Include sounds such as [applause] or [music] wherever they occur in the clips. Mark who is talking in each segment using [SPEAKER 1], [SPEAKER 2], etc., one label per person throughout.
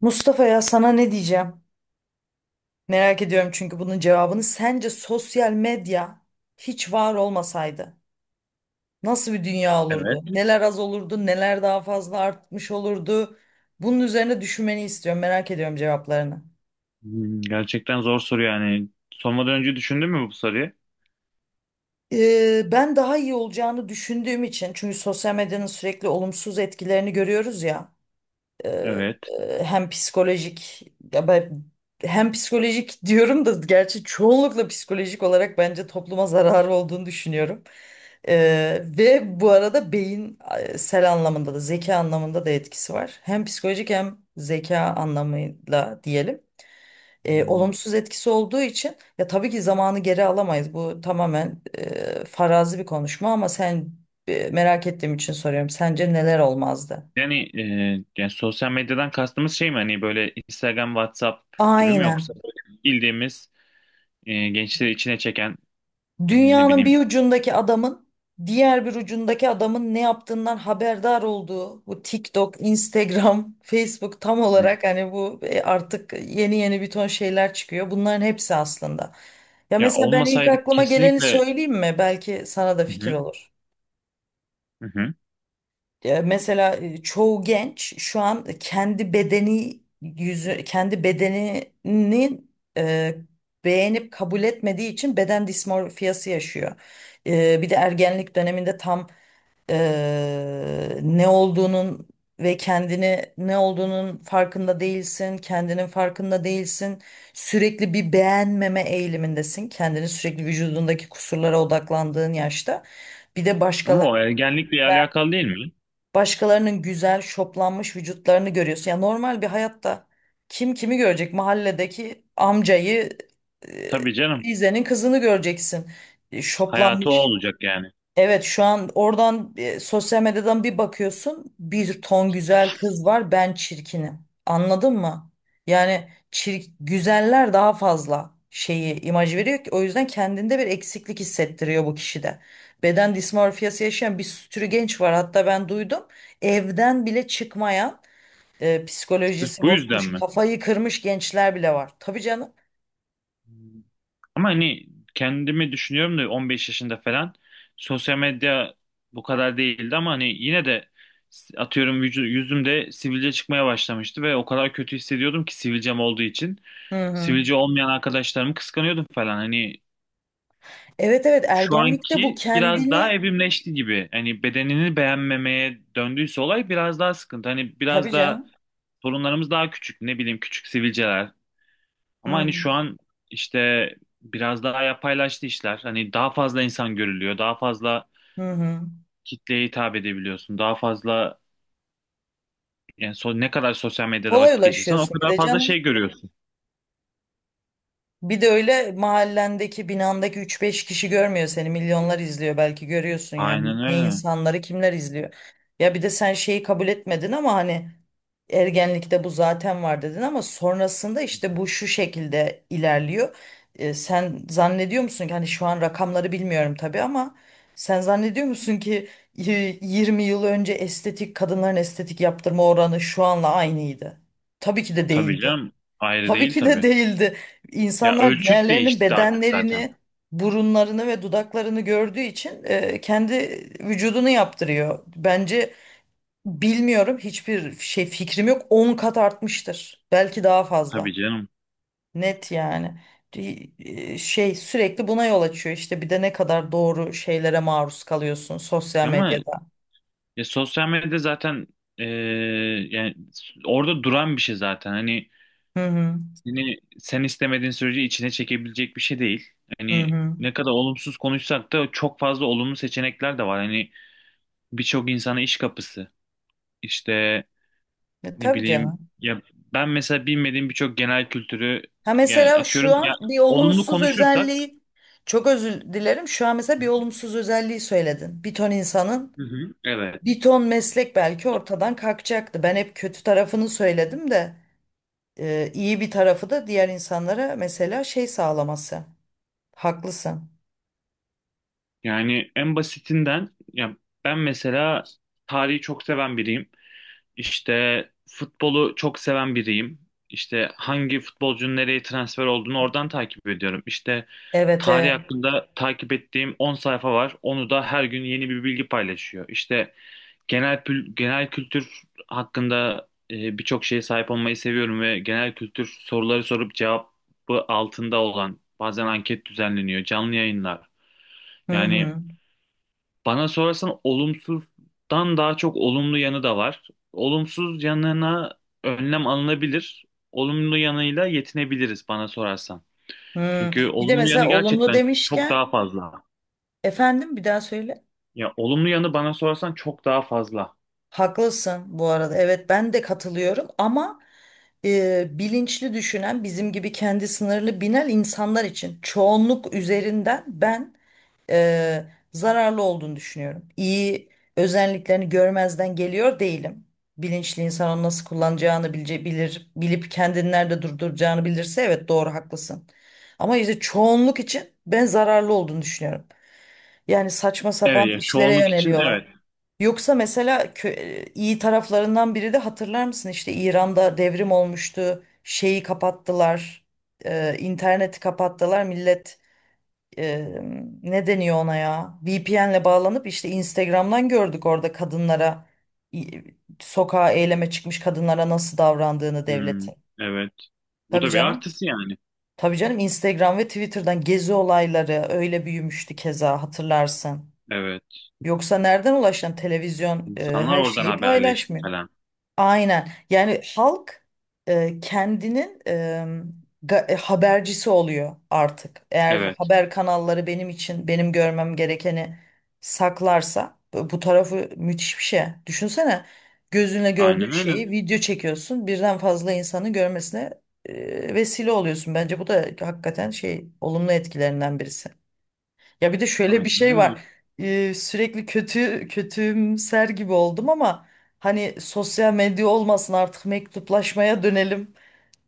[SPEAKER 1] Mustafa ya sana ne diyeceğim? Merak ediyorum çünkü bunun cevabını. Sence sosyal medya hiç var olmasaydı nasıl bir dünya
[SPEAKER 2] Evet.
[SPEAKER 1] olurdu? Neler az olurdu, neler daha fazla artmış olurdu? Bunun üzerine düşünmeni istiyorum. Merak ediyorum cevaplarını.
[SPEAKER 2] Gerçekten zor soru yani. Sormadan önce düşündün mü bu soruyu?
[SPEAKER 1] Ben daha iyi olacağını düşündüğüm için çünkü sosyal medyanın sürekli olumsuz etkilerini görüyoruz ya. Ee,
[SPEAKER 2] Evet.
[SPEAKER 1] e, hem psikolojik ya ben Hem psikolojik [laughs] diyorum da gerçi çoğunlukla psikolojik olarak bence topluma zararı olduğunu düşünüyorum. Ve bu arada sel anlamında da zeka anlamında da etkisi var. Hem psikolojik hem zeka anlamıyla diyelim.
[SPEAKER 2] Hmm,
[SPEAKER 1] Olumsuz etkisi olduğu için ya tabii ki zamanı geri alamayız. Bu tamamen farazi bir konuşma ama sen merak ettiğim için soruyorum. Sence neler olmazdı?
[SPEAKER 2] Yani, e, yani sosyal medyadan kastımız şey mi hani böyle Instagram, WhatsApp gibi mi yoksa
[SPEAKER 1] Aynen.
[SPEAKER 2] böyle bildiğimiz gençleri içine çeken ne
[SPEAKER 1] Dünyanın
[SPEAKER 2] bileyim.
[SPEAKER 1] bir ucundaki adamın diğer bir ucundaki adamın ne yaptığından haberdar olduğu bu TikTok, Instagram, [laughs] Facebook tam
[SPEAKER 2] Hı.
[SPEAKER 1] olarak hani bu artık yeni yeni bir ton şeyler çıkıyor. Bunların hepsi aslında. Ya
[SPEAKER 2] Ya
[SPEAKER 1] mesela ben ilk
[SPEAKER 2] olmasaydı,
[SPEAKER 1] aklıma geleni
[SPEAKER 2] kesinlikle.
[SPEAKER 1] söyleyeyim mi? Belki sana da
[SPEAKER 2] Hı
[SPEAKER 1] fikir
[SPEAKER 2] hı.
[SPEAKER 1] olur.
[SPEAKER 2] Hı.
[SPEAKER 1] Mesela çoğu genç şu an kendi bedenini e, beğenip kabul etmediği için beden dismorfiyası yaşıyor. Bir de ergenlik döneminde tam ne olduğunun ve kendini ne olduğunun farkında değilsin, kendinin farkında değilsin. Sürekli bir beğenmeme eğilimindesin. Kendini sürekli vücudundaki kusurlara odaklandığın yaşta. Bir de
[SPEAKER 2] Ama
[SPEAKER 1] başkaları
[SPEAKER 2] o ergenlikle alakalı değil mi?
[SPEAKER 1] Başkalarının güzel, şoplanmış vücutlarını görüyorsun. Ya normal bir hayatta kim kimi görecek? Mahalledeki amcayı, e,
[SPEAKER 2] Tabii canım.
[SPEAKER 1] teyzenin kızını göreceksin.
[SPEAKER 2] Hayatı o
[SPEAKER 1] Şoplanmış.
[SPEAKER 2] olacak yani.
[SPEAKER 1] Evet, şu an oradan sosyal medyadan bir bakıyorsun, bir ton güzel kız var, ben çirkinim. Anladın mı? Yani güzeller daha fazla şeyi imaj veriyor ki o yüzden kendinde bir eksiklik hissettiriyor bu kişide. Beden dismorfiyası yaşayan bir sürü genç var, hatta ben duydum. Evden bile çıkmayan,
[SPEAKER 2] Sırf
[SPEAKER 1] psikolojisi
[SPEAKER 2] bu yüzden
[SPEAKER 1] bozulmuş,
[SPEAKER 2] mi?
[SPEAKER 1] kafayı kırmış gençler bile var. Tabii canım.
[SPEAKER 2] Ama hani kendimi düşünüyorum da 15 yaşında falan sosyal medya bu kadar değildi, ama hani yine de atıyorum yüzümde sivilce çıkmaya başlamıştı ve o kadar kötü hissediyordum ki sivilcem olduğu için.
[SPEAKER 1] Hı hı.
[SPEAKER 2] Sivilce olmayan arkadaşlarımı kıskanıyordum falan. Hani
[SPEAKER 1] Evet, evet,
[SPEAKER 2] şu
[SPEAKER 1] ergenlikte bu
[SPEAKER 2] anki biraz daha
[SPEAKER 1] kendini
[SPEAKER 2] evrimleşti gibi. Hani bedenini beğenmemeye döndüyse olay biraz daha sıkıntı. Hani
[SPEAKER 1] tabii
[SPEAKER 2] biraz daha
[SPEAKER 1] canım.
[SPEAKER 2] sorunlarımız daha küçük. Ne bileyim, küçük sivilceler, ama
[SPEAKER 1] Hı hı.
[SPEAKER 2] hani şu an işte biraz daha yapaylaştı işler. Hani daha fazla insan görülüyor. Daha fazla
[SPEAKER 1] Hı hı.
[SPEAKER 2] kitleye hitap edebiliyorsun. Daha fazla, yani ne kadar sosyal medyada
[SPEAKER 1] Kolay
[SPEAKER 2] vakit geçirsen o
[SPEAKER 1] ulaşıyorsun bir
[SPEAKER 2] kadar
[SPEAKER 1] de
[SPEAKER 2] fazla
[SPEAKER 1] canım.
[SPEAKER 2] şey görüyorsun.
[SPEAKER 1] Bir de öyle mahallendeki binandaki üç beş kişi görmüyor seni. Milyonlar izliyor, belki görüyorsun yani.
[SPEAKER 2] Aynen
[SPEAKER 1] Ne
[SPEAKER 2] öyle.
[SPEAKER 1] insanları kimler izliyor. Ya bir de sen şeyi kabul etmedin ama hani ergenlikte bu zaten var dedin ama sonrasında işte bu şu şekilde ilerliyor. Sen zannediyor musun ki, hani şu an rakamları bilmiyorum tabii ama sen zannediyor musun ki e, 20 yıl önce estetik, kadınların estetik yaptırma oranı şu anla aynıydı? Tabii ki de
[SPEAKER 2] Tabii
[SPEAKER 1] değildi.
[SPEAKER 2] canım. Ayrı
[SPEAKER 1] Tabii
[SPEAKER 2] değil
[SPEAKER 1] ki de
[SPEAKER 2] tabii.
[SPEAKER 1] değildi.
[SPEAKER 2] Ya
[SPEAKER 1] İnsanlar
[SPEAKER 2] ölçüt
[SPEAKER 1] diğerlerinin
[SPEAKER 2] değişti artık zaten.
[SPEAKER 1] bedenlerini, burunlarını ve dudaklarını gördüğü için kendi vücudunu yaptırıyor. Bence, bilmiyorum, hiçbir şey fikrim yok, 10 kat artmıştır. Belki daha fazla.
[SPEAKER 2] Tabii canım.
[SPEAKER 1] Net yani. Şey sürekli buna yol açıyor işte, bir de ne kadar doğru şeylere maruz kalıyorsun sosyal
[SPEAKER 2] Ama
[SPEAKER 1] medyada.
[SPEAKER 2] ya sosyal medya zaten, eee, yani orada duran bir şey zaten. Hani
[SPEAKER 1] Hı hı.
[SPEAKER 2] seni, sen istemediğin sürece içine çekebilecek bir şey değil.
[SPEAKER 1] Hı
[SPEAKER 2] Hani
[SPEAKER 1] hı.
[SPEAKER 2] ne kadar olumsuz konuşsak da çok fazla olumlu seçenekler de var. Hani birçok insana iş kapısı. İşte ne
[SPEAKER 1] Tabii
[SPEAKER 2] bileyim,
[SPEAKER 1] canım.
[SPEAKER 2] ya ben mesela bilmediğim birçok genel kültürü,
[SPEAKER 1] Ha,
[SPEAKER 2] yani
[SPEAKER 1] mesela
[SPEAKER 2] atıyorum
[SPEAKER 1] şu
[SPEAKER 2] ya,
[SPEAKER 1] an bir
[SPEAKER 2] olumlu
[SPEAKER 1] olumsuz
[SPEAKER 2] konuşursak.
[SPEAKER 1] özelliği, çok özür dilerim, şu an mesela bir olumsuz özelliği söyledin. Bir ton insanın,
[SPEAKER 2] Hı hı, evet.
[SPEAKER 1] bir ton meslek belki ortadan kalkacaktı. Ben hep kötü tarafını söyledim de iyi bir tarafı da diğer insanlara mesela şey sağlaması. Haklısın.
[SPEAKER 2] Yani en basitinden, ya ben mesela tarihi çok seven biriyim. İşte futbolu çok seven biriyim. İşte hangi futbolcunun nereye transfer olduğunu oradan takip ediyorum. İşte
[SPEAKER 1] Evet,
[SPEAKER 2] tarih
[SPEAKER 1] evet.
[SPEAKER 2] hakkında takip ettiğim 10 sayfa var. Onu da her gün yeni bir bilgi paylaşıyor. İşte genel kültür hakkında birçok şeye sahip olmayı seviyorum ve genel kültür soruları sorup cevabı altında olan, bazen anket düzenleniyor, canlı yayınlar.
[SPEAKER 1] Hı
[SPEAKER 2] Yani
[SPEAKER 1] hı.
[SPEAKER 2] bana sorarsan olumsuzdan daha çok olumlu yanı da var. Olumsuz yanına önlem alınabilir. Olumlu yanıyla yetinebiliriz, bana sorarsan.
[SPEAKER 1] Hı.
[SPEAKER 2] Çünkü
[SPEAKER 1] Bir de
[SPEAKER 2] olumlu yanı
[SPEAKER 1] mesela olumlu
[SPEAKER 2] gerçekten çok
[SPEAKER 1] demişken,
[SPEAKER 2] daha fazla.
[SPEAKER 1] efendim bir daha söyle.
[SPEAKER 2] Ya olumlu yanı, bana sorarsan, çok daha fazla.
[SPEAKER 1] Haklısın bu arada. Evet, ben de katılıyorum ama bilinçli düşünen bizim gibi kendi sınırlı bilen insanlar için, çoğunluk üzerinden ben e, zararlı olduğunu düşünüyorum. İyi özelliklerini görmezden geliyor değilim. Bilinçli insan onu nasıl kullanacağını bilip kendini nerede durduracağını bilirse, evet doğru, haklısın. Ama işte çoğunluk için ben zararlı olduğunu düşünüyorum. Yani saçma
[SPEAKER 2] Evet
[SPEAKER 1] sapan
[SPEAKER 2] ya,
[SPEAKER 1] işlere
[SPEAKER 2] çoğunluk için
[SPEAKER 1] yöneliyorlar.
[SPEAKER 2] evet.
[SPEAKER 1] Yoksa mesela, iyi taraflarından biri de, hatırlar mısın işte İran'da devrim olmuştu, şeyi kapattılar. İnterneti kapattılar. Millet e, ne deniyor ona ya? VPN'le bağlanıp işte Instagram'dan gördük orada kadınlara, sokağa eyleme çıkmış kadınlara nasıl davrandığını
[SPEAKER 2] Hmm,
[SPEAKER 1] devletin.
[SPEAKER 2] evet. Bu
[SPEAKER 1] Tabii
[SPEAKER 2] da bir
[SPEAKER 1] canım.
[SPEAKER 2] artısı yani.
[SPEAKER 1] Tabii canım, Instagram ve Twitter'dan gezi olayları öyle büyümüştü, keza hatırlarsın.
[SPEAKER 2] Evet.
[SPEAKER 1] Yoksa nereden ulaşan, televizyon
[SPEAKER 2] İnsanlar
[SPEAKER 1] her
[SPEAKER 2] oradan
[SPEAKER 1] şeyi
[SPEAKER 2] haberleşti
[SPEAKER 1] paylaşmıyor.
[SPEAKER 2] falan.
[SPEAKER 1] Aynen. Yani halk kendinin habercisi oluyor artık. Eğer
[SPEAKER 2] Evet.
[SPEAKER 1] haber kanalları benim için, benim görmem gerekeni saklarsa, bu tarafı müthiş bir şey. Düşünsene, gözünle
[SPEAKER 2] Aynen
[SPEAKER 1] gördüğün
[SPEAKER 2] öyle.
[SPEAKER 1] şeyi video çekiyorsun, birden fazla insanı görmesine vesile oluyorsun. Bence bu da hakikaten şey, olumlu etkilerinden birisi. Ya bir de şöyle bir
[SPEAKER 2] Aynen
[SPEAKER 1] şey
[SPEAKER 2] öyle.
[SPEAKER 1] var. Sürekli kötümser gibi oldum ama hani sosyal medya olmasın, artık mektuplaşmaya dönelim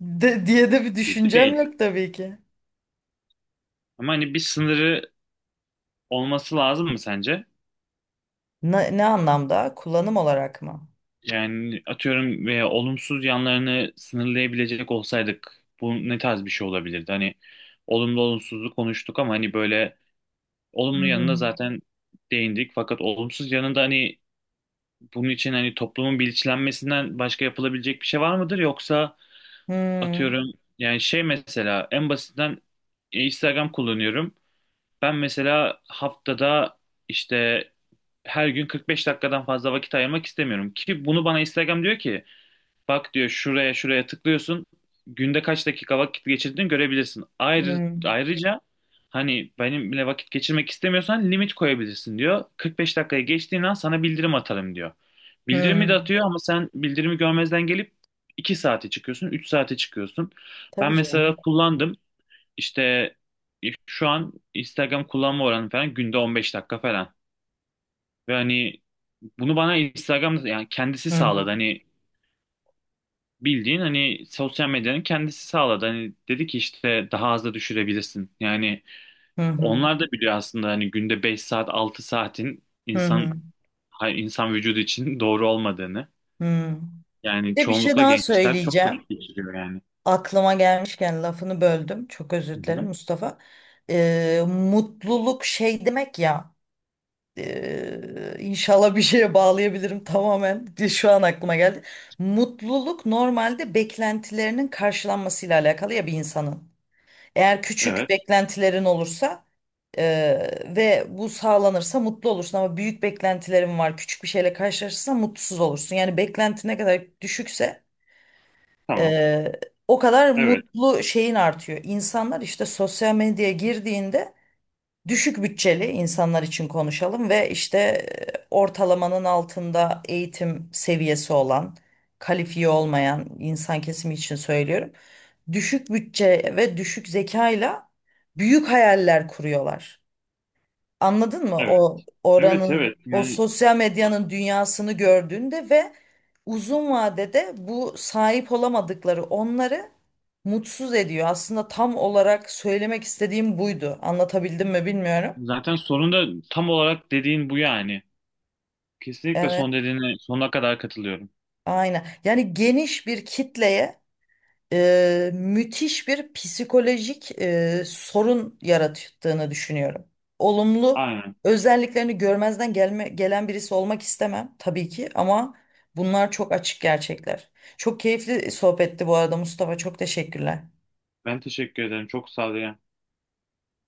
[SPEAKER 1] de, diye de bir
[SPEAKER 2] Gibi
[SPEAKER 1] düşüncem
[SPEAKER 2] değil.
[SPEAKER 1] yok tabii ki.
[SPEAKER 2] Ama hani bir sınırı olması lazım mı sence?
[SPEAKER 1] Ne, ne anlamda? Kullanım olarak mı?
[SPEAKER 2] Yani atıyorum, veya olumsuz yanlarını sınırlayabilecek olsaydık bu ne tarz bir şey olabilirdi? Hani olumlu olumsuzluğu konuştuk ama hani böyle
[SPEAKER 1] Hı
[SPEAKER 2] olumlu yanına
[SPEAKER 1] hı.
[SPEAKER 2] zaten değindik. Fakat olumsuz yanında, hani bunun için hani toplumun bilinçlenmesinden başka yapılabilecek bir şey var mıdır? Yoksa
[SPEAKER 1] Hı
[SPEAKER 2] atıyorum, yani şey mesela, en basitinden, Instagram kullanıyorum. Ben mesela haftada işte her gün 45 dakikadan fazla vakit ayırmak istemiyorum, ki bunu bana Instagram diyor ki, bak diyor, şuraya şuraya tıklıyorsun. Günde kaç dakika vakit geçirdiğini görebilirsin.
[SPEAKER 1] hı.
[SPEAKER 2] Ayrıca hani benimle vakit geçirmek istemiyorsan limit koyabilirsin diyor. 45 dakikaya geçtiğin an sana bildirim atarım diyor. Bildirimi de
[SPEAKER 1] Hı.
[SPEAKER 2] atıyor ama sen bildirimi görmezden gelip 2 saate çıkıyorsun, 3 saate çıkıyorsun. Ben
[SPEAKER 1] Tabii
[SPEAKER 2] mesela
[SPEAKER 1] canım.
[SPEAKER 2] kullandım. İşte şu an Instagram kullanma oranı falan günde 15 dakika falan. Ve hani bunu bana Instagram'da, yani kendisi
[SPEAKER 1] Hı hı.
[SPEAKER 2] sağladı. Hani bildiğin, hani sosyal medyanın kendisi sağladı. Hani dedi ki işte daha az da düşürebilirsin. Yani
[SPEAKER 1] Hı hı.
[SPEAKER 2] onlar da biliyor aslında hani günde 5 saat 6 saatin
[SPEAKER 1] Hı hı.
[SPEAKER 2] insan insan vücudu için [laughs] doğru olmadığını.
[SPEAKER 1] Hı. Bir
[SPEAKER 2] Yani
[SPEAKER 1] de bir şey
[SPEAKER 2] çoğunlukla
[SPEAKER 1] daha
[SPEAKER 2] gençler çok
[SPEAKER 1] söyleyeceğim.
[SPEAKER 2] vakit geçiriyor yani.
[SPEAKER 1] Aklıma gelmişken lafını böldüm, çok
[SPEAKER 2] Hı
[SPEAKER 1] özür dilerim
[SPEAKER 2] hı.
[SPEAKER 1] Mustafa. Mutluluk şey demek ya. İnşallah bir şeye bağlayabilirim tamamen. [laughs] Şu an aklıma geldi. Mutluluk normalde beklentilerinin karşılanmasıyla alakalı ya, bir insanın. Eğer küçük
[SPEAKER 2] Evet,
[SPEAKER 1] beklentilerin olursa ve bu sağlanırsa mutlu olursun ama büyük beklentilerin var, küçük bir şeyle karşılaşırsan mutsuz olursun. Yani beklenti ne kadar düşükse
[SPEAKER 2] tamam.
[SPEAKER 1] eee, o kadar
[SPEAKER 2] Evet,
[SPEAKER 1] mutlu şeyin artıyor. İnsanlar işte sosyal medyaya girdiğinde, düşük bütçeli insanlar için konuşalım, ve işte ortalamanın altında eğitim seviyesi olan, kalifiye olmayan insan kesimi için söylüyorum. Düşük bütçe ve düşük zekayla büyük hayaller kuruyorlar. Anladın mı?
[SPEAKER 2] evet.
[SPEAKER 1] O
[SPEAKER 2] Evet,
[SPEAKER 1] oranın,
[SPEAKER 2] evet.
[SPEAKER 1] o
[SPEAKER 2] Yani
[SPEAKER 1] sosyal medyanın dünyasını gördüğünde ve uzun vadede bu sahip olamadıkları onları mutsuz ediyor. Aslında tam olarak söylemek istediğim buydu. Anlatabildim mi bilmiyorum.
[SPEAKER 2] zaten sorun da tam olarak dediğin bu yani. Kesinlikle
[SPEAKER 1] Evet,
[SPEAKER 2] son dediğine sonuna kadar katılıyorum.
[SPEAKER 1] aynen. Yani geniş bir kitleye müthiş bir psikolojik sorun yarattığını düşünüyorum. Olumlu
[SPEAKER 2] Aynen.
[SPEAKER 1] özelliklerini gelen birisi olmak istemem tabii ki ama bunlar çok açık gerçekler. Çok keyifli sohbetti bu arada Mustafa. Çok teşekkürler.
[SPEAKER 2] Ben teşekkür ederim. Çok sağ ol.